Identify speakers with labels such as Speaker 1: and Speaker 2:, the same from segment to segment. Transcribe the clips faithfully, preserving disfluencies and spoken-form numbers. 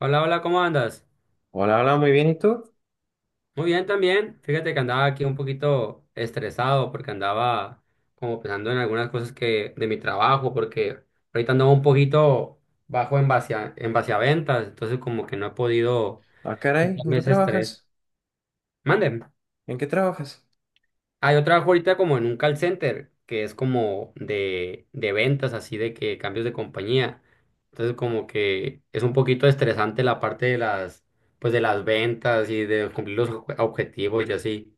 Speaker 1: Hola, hola, ¿cómo andas?
Speaker 2: Hola, hola, muy bien, ¿y tú?
Speaker 1: Muy bien también. Fíjate que andaba aquí un poquito estresado porque andaba como pensando en algunas cosas que de mi trabajo, porque ahorita andaba un poquito bajo en base a, en base a ventas, entonces como que no he podido
Speaker 2: Ah, caray, ¿en
Speaker 1: quitarme
Speaker 2: qué
Speaker 1: ese estrés.
Speaker 2: trabajas?
Speaker 1: Manden.
Speaker 2: ¿En qué trabajas?
Speaker 1: Ah, yo trabajo ahorita como en un call center, que es como de, de ventas, así de que cambios de compañía. Entonces como que es un poquito estresante la parte de las, pues de las ventas y de cumplir los objetivos y así.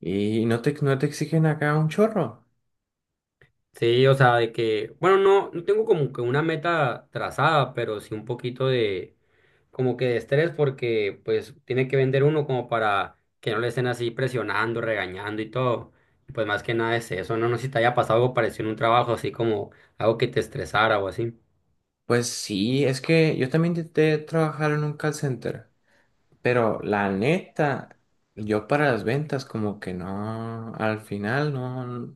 Speaker 2: ¿Y no te, no te exigen acá un chorro?
Speaker 1: Sí, o sea, de que, bueno, no, no tengo como que una meta trazada, pero sí un poquito de, como que de estrés, porque pues tiene que vender uno como para que no le estén así presionando, regañando y todo. Y pues más que nada es eso, no, no sé si te haya pasado algo parecido en un trabajo, así como algo que te estresara o así.
Speaker 2: Pues sí, es que yo también intenté trabajar en un call center, pero la neta, yo para las ventas como que no, al final no,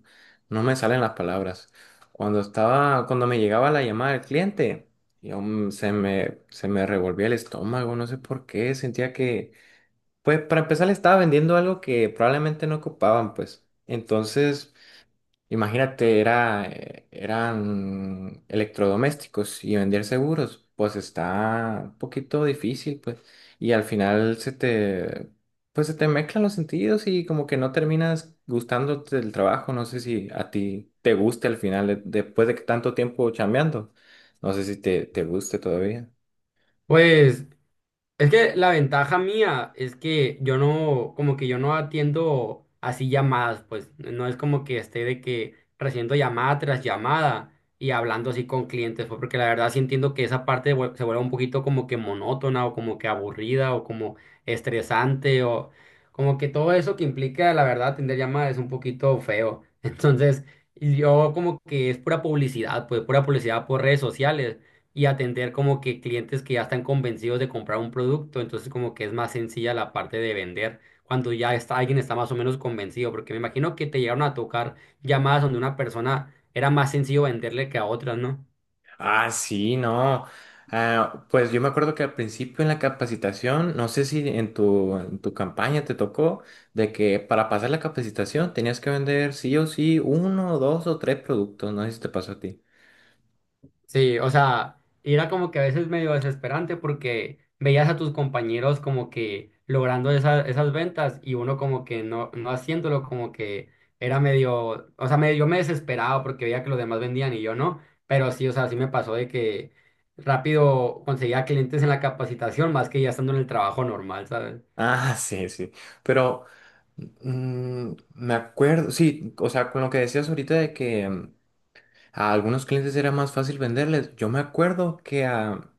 Speaker 2: no me salen las palabras. Cuando estaba, cuando me llegaba la llamada del cliente, yo, mm, se me, se me revolvía el estómago, no sé por qué, sentía que pues para empezar le estaba vendiendo algo que probablemente no ocupaban, pues. Entonces, imagínate, era, eh, eran electrodomésticos y vender seguros, pues está un poquito difícil, pues. Y al final se te, pues se te mezclan los sentidos y como que no terminas gustándote del trabajo. No sé si a ti te guste al final, de- después de que tanto tiempo chambeando. No sé si te, te guste todavía.
Speaker 1: Pues es que la ventaja mía es que yo no, como que yo no atiendo así llamadas, pues no es como que esté de que recibiendo llamada tras llamada y hablando así con clientes, pues porque la verdad sí entiendo que esa parte vuel- se vuelve un poquito como que monótona o como que aburrida o como estresante o como que todo eso que implica la verdad atender llamadas es un poquito feo. Entonces, yo como que es pura publicidad, pues pura publicidad por redes sociales y atender como que clientes que ya están convencidos de comprar un producto, entonces como que es más sencilla la parte de vender cuando ya está, alguien está más o menos convencido, porque me imagino que te llegaron a tocar llamadas donde una persona era más sencillo venderle que a otras, ¿no?
Speaker 2: Ah, sí, no. Ah, pues yo me acuerdo que al principio en la capacitación, no sé si en tu, en tu campaña te tocó, de que para pasar la capacitación tenías que vender sí o sí uno, dos o tres productos, no sé si te pasó a ti.
Speaker 1: Sí, o sea, y era como que a veces medio desesperante porque veías a tus compañeros como que logrando esa- esas ventas y uno como que no, no haciéndolo, como que era medio, o sea, medio, yo me desesperaba porque veía que los demás vendían y yo no, pero sí, o sea, sí me pasó de que rápido conseguía clientes en la capacitación más que ya estando en el trabajo normal, ¿sabes?
Speaker 2: Ah, sí, sí. Pero mm, me acuerdo, sí, o sea, con lo que decías ahorita de que mm, a algunos clientes era más fácil venderles, yo me acuerdo que a...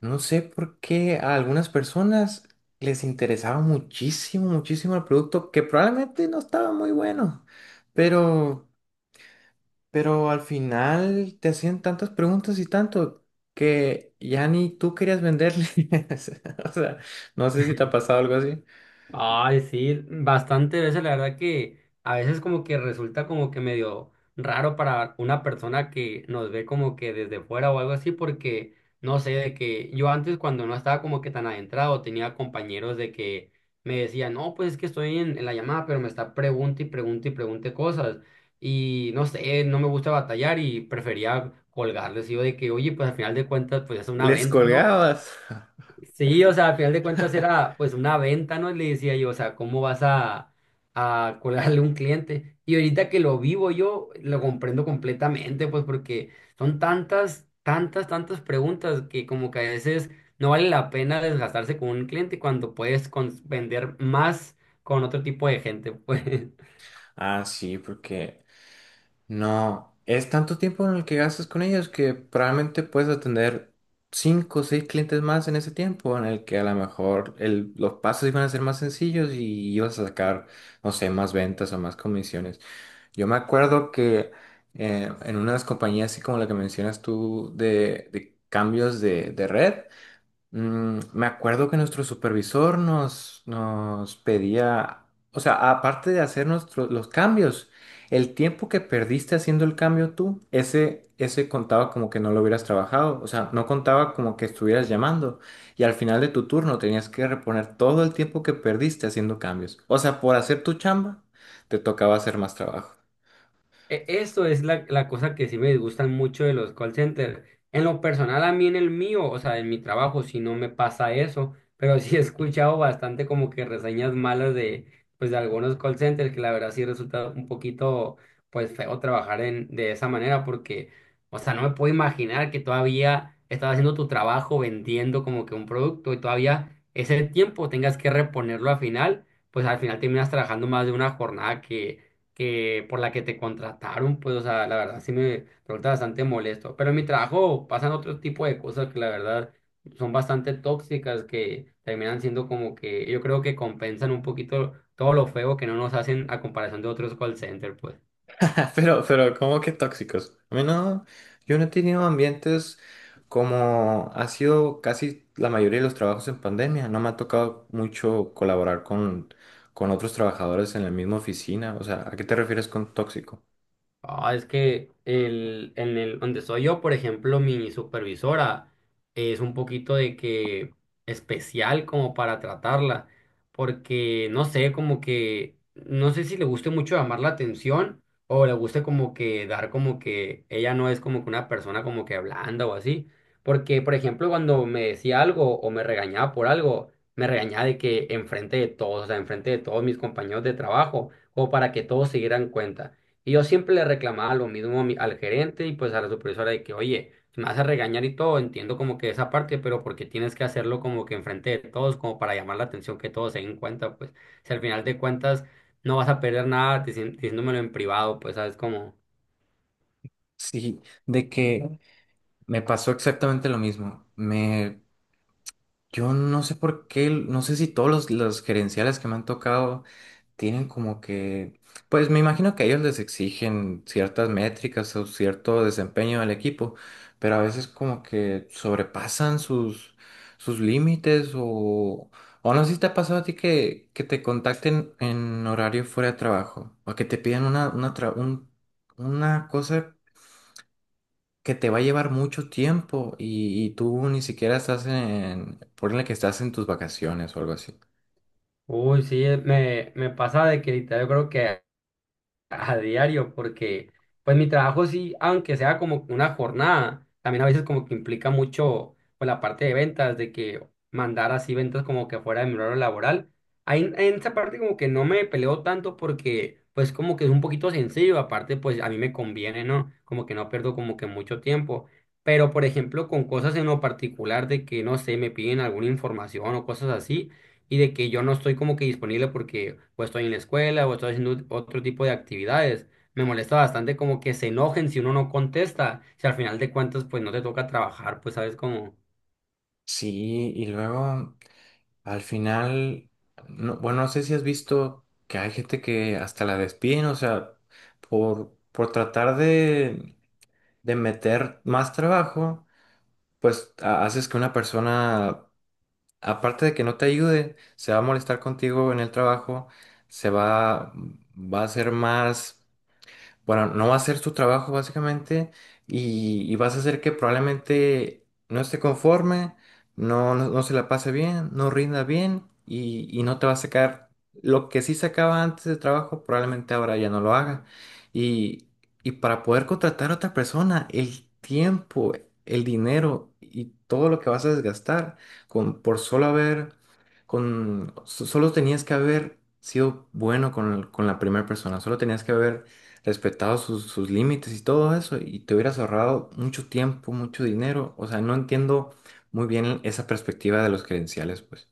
Speaker 2: No sé por qué a algunas personas les interesaba muchísimo, muchísimo el producto, que probablemente no estaba muy bueno, pero, pero al final te hacían tantas preguntas y tanto que ya ni tú querías venderles. O sea, no sé si te ha pasado algo así.
Speaker 1: Ay, sí, bastante veces la verdad que a veces como que resulta como que medio raro para una persona que nos ve como que desde fuera o algo así, porque no sé, de que yo antes cuando no estaba como que tan adentrado, tenía compañeros de que me decían, no, pues es que estoy en, en la llamada, pero me está pregunta y pregunta y pregunte cosas, y no sé, no me gusta batallar y prefería colgarles, y yo de que, oye, pues al final de cuentas, pues es una
Speaker 2: Les
Speaker 1: venta, ¿no?
Speaker 2: colgabas.
Speaker 1: Sí, o sea, al final de cuentas era pues una venta, ¿no? Le decía yo, o sea, ¿cómo vas a, a colarle a un cliente? Y ahorita que lo vivo yo, lo comprendo completamente, pues porque son tantas, tantas, tantas preguntas que como que a veces no vale la pena desgastarse con un cliente cuando puedes cons- vender más con otro tipo de gente, pues.
Speaker 2: Ah, sí, porque no, es tanto tiempo en el que gastas con ellos que probablemente puedes atender cinco o seis clientes más en ese tiempo, en el que a lo mejor el- los pasos iban a ser más sencillos y ibas a sacar, no sé, más ventas o más comisiones. Yo me acuerdo que eh, en unas compañías así como la que mencionas tú de, de cambios de, de red, Mm, me acuerdo que nuestro supervisor nos, nos pedía, o sea, aparte de hacer nuestros los cambios, el tiempo que perdiste haciendo el cambio tú, ese, ese contaba como que no lo hubieras trabajado, o sea, no contaba como que estuvieras llamando y al final de tu turno tenías que reponer todo el tiempo que perdiste haciendo cambios. O sea, por hacer tu chamba, te tocaba hacer más trabajo.
Speaker 1: E- Eso es la, la cosa que sí me disgustan mucho de los call centers. En lo personal, a mí en el mío, o sea, en mi trabajo, sí no me pasa eso, pero sí he escuchado bastante como que reseñas malas de, pues, de algunos call centers que la verdad sí resulta un poquito, pues, feo trabajar en, de esa manera porque, o sea, no me puedo imaginar que todavía estás haciendo tu trabajo vendiendo como que un producto y todavía ese tiempo tengas que reponerlo al final, pues al final terminas trabajando más de una jornada que por la que te contrataron, pues, o sea, la verdad sí me resulta bastante molesto. Pero en mi trabajo pasan otro tipo de cosas que la verdad son bastante tóxicas, que terminan siendo como que yo creo que compensan un poquito todo lo feo que no nos hacen a comparación de otros call centers, pues.
Speaker 2: Pero, pero, ¿cómo que tóxicos? A mí no, yo no he tenido ambientes como ha sido casi la mayoría de los trabajos en pandemia. No me ha tocado mucho colaborar con, con otros trabajadores en la misma oficina. O sea, ¿a qué te refieres con tóxico?
Speaker 1: Ah, es que el, en el donde soy yo, por ejemplo, mi supervisora es un poquito de que especial como para tratarla, porque no sé, como que no sé si le guste mucho llamar la atención o le guste como que dar como que ella no es como que una persona como que blanda o así, porque por ejemplo, cuando me decía algo o me regañaba por algo, me regañaba de que enfrente de todos, o sea, enfrente de todos mis compañeros de trabajo, como para que todos se dieran cuenta. Y yo siempre le reclamaba lo mismo a mi- al gerente y pues a la supervisora de que, oye, si me vas a regañar y todo, entiendo como que esa parte, pero porque tienes que hacerlo como que enfrente de todos, como para llamar la atención que todos se den cuenta, pues si al final de cuentas no vas a perder nada dici- diciéndomelo en privado, pues sabes como,
Speaker 2: Sí, de que me pasó exactamente lo mismo. Me, yo no sé por qué, no sé si todos los, los gerenciales que me han tocado tienen como que, pues me imagino que ellos les exigen ciertas métricas o cierto desempeño del equipo, pero a veces como que sobrepasan sus, sus límites o, o no sé si te ha pasado a ti que, que te contacten en horario fuera de trabajo o que te pidan una, una, tra- un- una cosa que te va a llevar mucho tiempo y, y tú ni siquiera estás en, ponle que estás en tus vacaciones o algo así.
Speaker 1: uy, sí, eh, me, me pasa de que literal yo creo que a diario porque pues mi trabajo sí, aunque sea como una jornada, también a veces como que implica mucho pues la parte de ventas, de que mandar así ventas como que fuera de mi horario laboral. Ahí en en esa parte como que no me peleo tanto porque pues como que es un poquito sencillo, aparte pues a mí me conviene, ¿no? Como que no pierdo como que mucho tiempo. Pero por ejemplo con cosas en lo particular de que no sé, me piden alguna información o cosas así y de que yo no estoy como que disponible porque o estoy en la escuela o estoy haciendo otro tipo de actividades. Me molesta bastante como que se enojen si uno no contesta, si al final de cuentas pues no te toca trabajar, pues sabes cómo.
Speaker 2: Sí, y luego... Al final, no- bueno, no sé si has visto que hay gente que hasta la despiden, o sea, por, por tratar de, de meter más trabajo, pues ha- haces que una persona, aparte de que no te ayude, se va a molestar contigo en el trabajo, se va, va a ser más bueno, no va a hacer su trabajo básicamente y, y vas a hacer que probablemente no esté conforme, no, no, no se la pase bien, no rinda bien y, y no te va a sacar lo que sí sacaba antes de trabajo, probablemente ahora ya no lo haga. Y, y para poder contratar a otra persona, el tiempo, el dinero y todo lo que vas a desgastar con, por solo haber, con, so- solo tenías que haber sido bueno con, el- con la primera persona, solo tenías que haber respetado sus, sus límites y todo eso, y te hubieras ahorrado mucho tiempo, mucho dinero. O sea, no entiendo muy bien esa perspectiva de los credenciales, pues.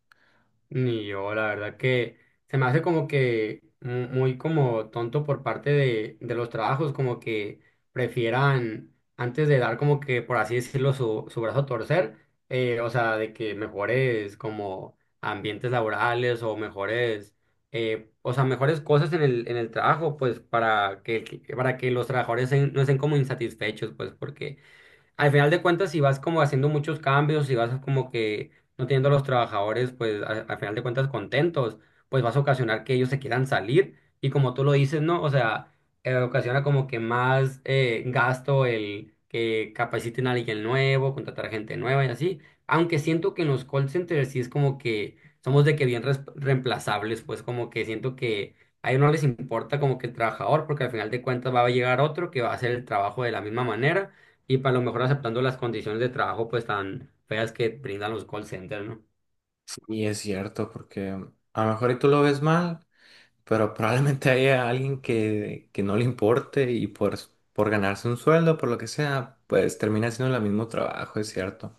Speaker 1: Ni yo, la verdad que se me hace como que mu- muy como tonto por parte de, de los trabajos, como que prefieran antes de dar como que, por así decirlo, su, su brazo a torcer, eh, o sea, de que mejores como ambientes laborales o mejores, eh, o sea, mejores cosas en el, en el trabajo, pues para que, que- para que los trabajadores en- no estén como insatisfechos, pues porque al final de cuentas, si vas como haciendo muchos cambios, si vas como que no teniendo a los trabajadores, pues a- al final de cuentas contentos, pues vas a ocasionar que ellos se quieran salir. Y como tú lo dices, ¿no? O sea, eh, ocasiona como que más eh, gasto el que capaciten a alguien nuevo, contratar gente nueva y así. Aunque siento que en los call centers sí es como que somos de que bien res- reemplazables, pues como que siento que a ellos no les importa como que el trabajador, porque al final de cuentas va a llegar otro que va a hacer el trabajo de la misma manera y para lo mejor aceptando las condiciones de trabajo pues tan feas que brindan los call centers, ¿no?
Speaker 2: Y es cierto, porque a lo mejor y tú lo ves mal, pero probablemente haya alguien que, que no le importe y por, por ganarse un sueldo, por lo que sea, pues termina haciendo el mismo trabajo, es cierto.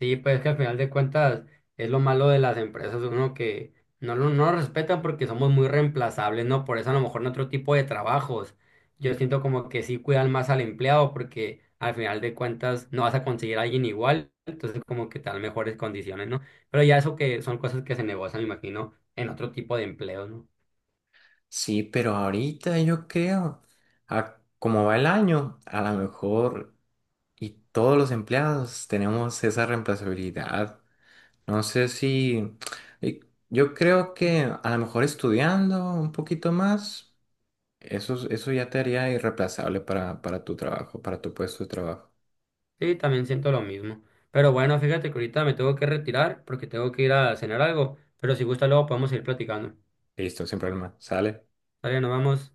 Speaker 1: Sí, pues que al final de cuentas es lo malo de las empresas, uno que no lo no lo respetan porque somos muy reemplazables, ¿no? Por eso a lo mejor en otro tipo de trabajos yo siento como que sí cuidan más al empleado porque al final de cuentas no vas a conseguir a alguien igual, entonces como que te dan mejores condiciones, ¿no? Pero ya eso que son cosas que se negocian, me imagino, en otro tipo de empleo, no.
Speaker 2: Sí, pero ahorita yo creo, a, como va el año, a lo mejor y todos los empleados tenemos esa reemplazabilidad. No sé si... y yo creo que a lo mejor estudiando un poquito más, eso, eso ya te haría irreemplazable para, para tu trabajo, para tu puesto de trabajo.
Speaker 1: Sí, también siento lo mismo. Pero bueno, fíjate que ahorita me tengo que retirar porque tengo que ir a cenar algo. Pero si gusta, luego podemos ir platicando.
Speaker 2: Listo, sin problema. Sale.
Speaker 1: Está bien, nos vamos.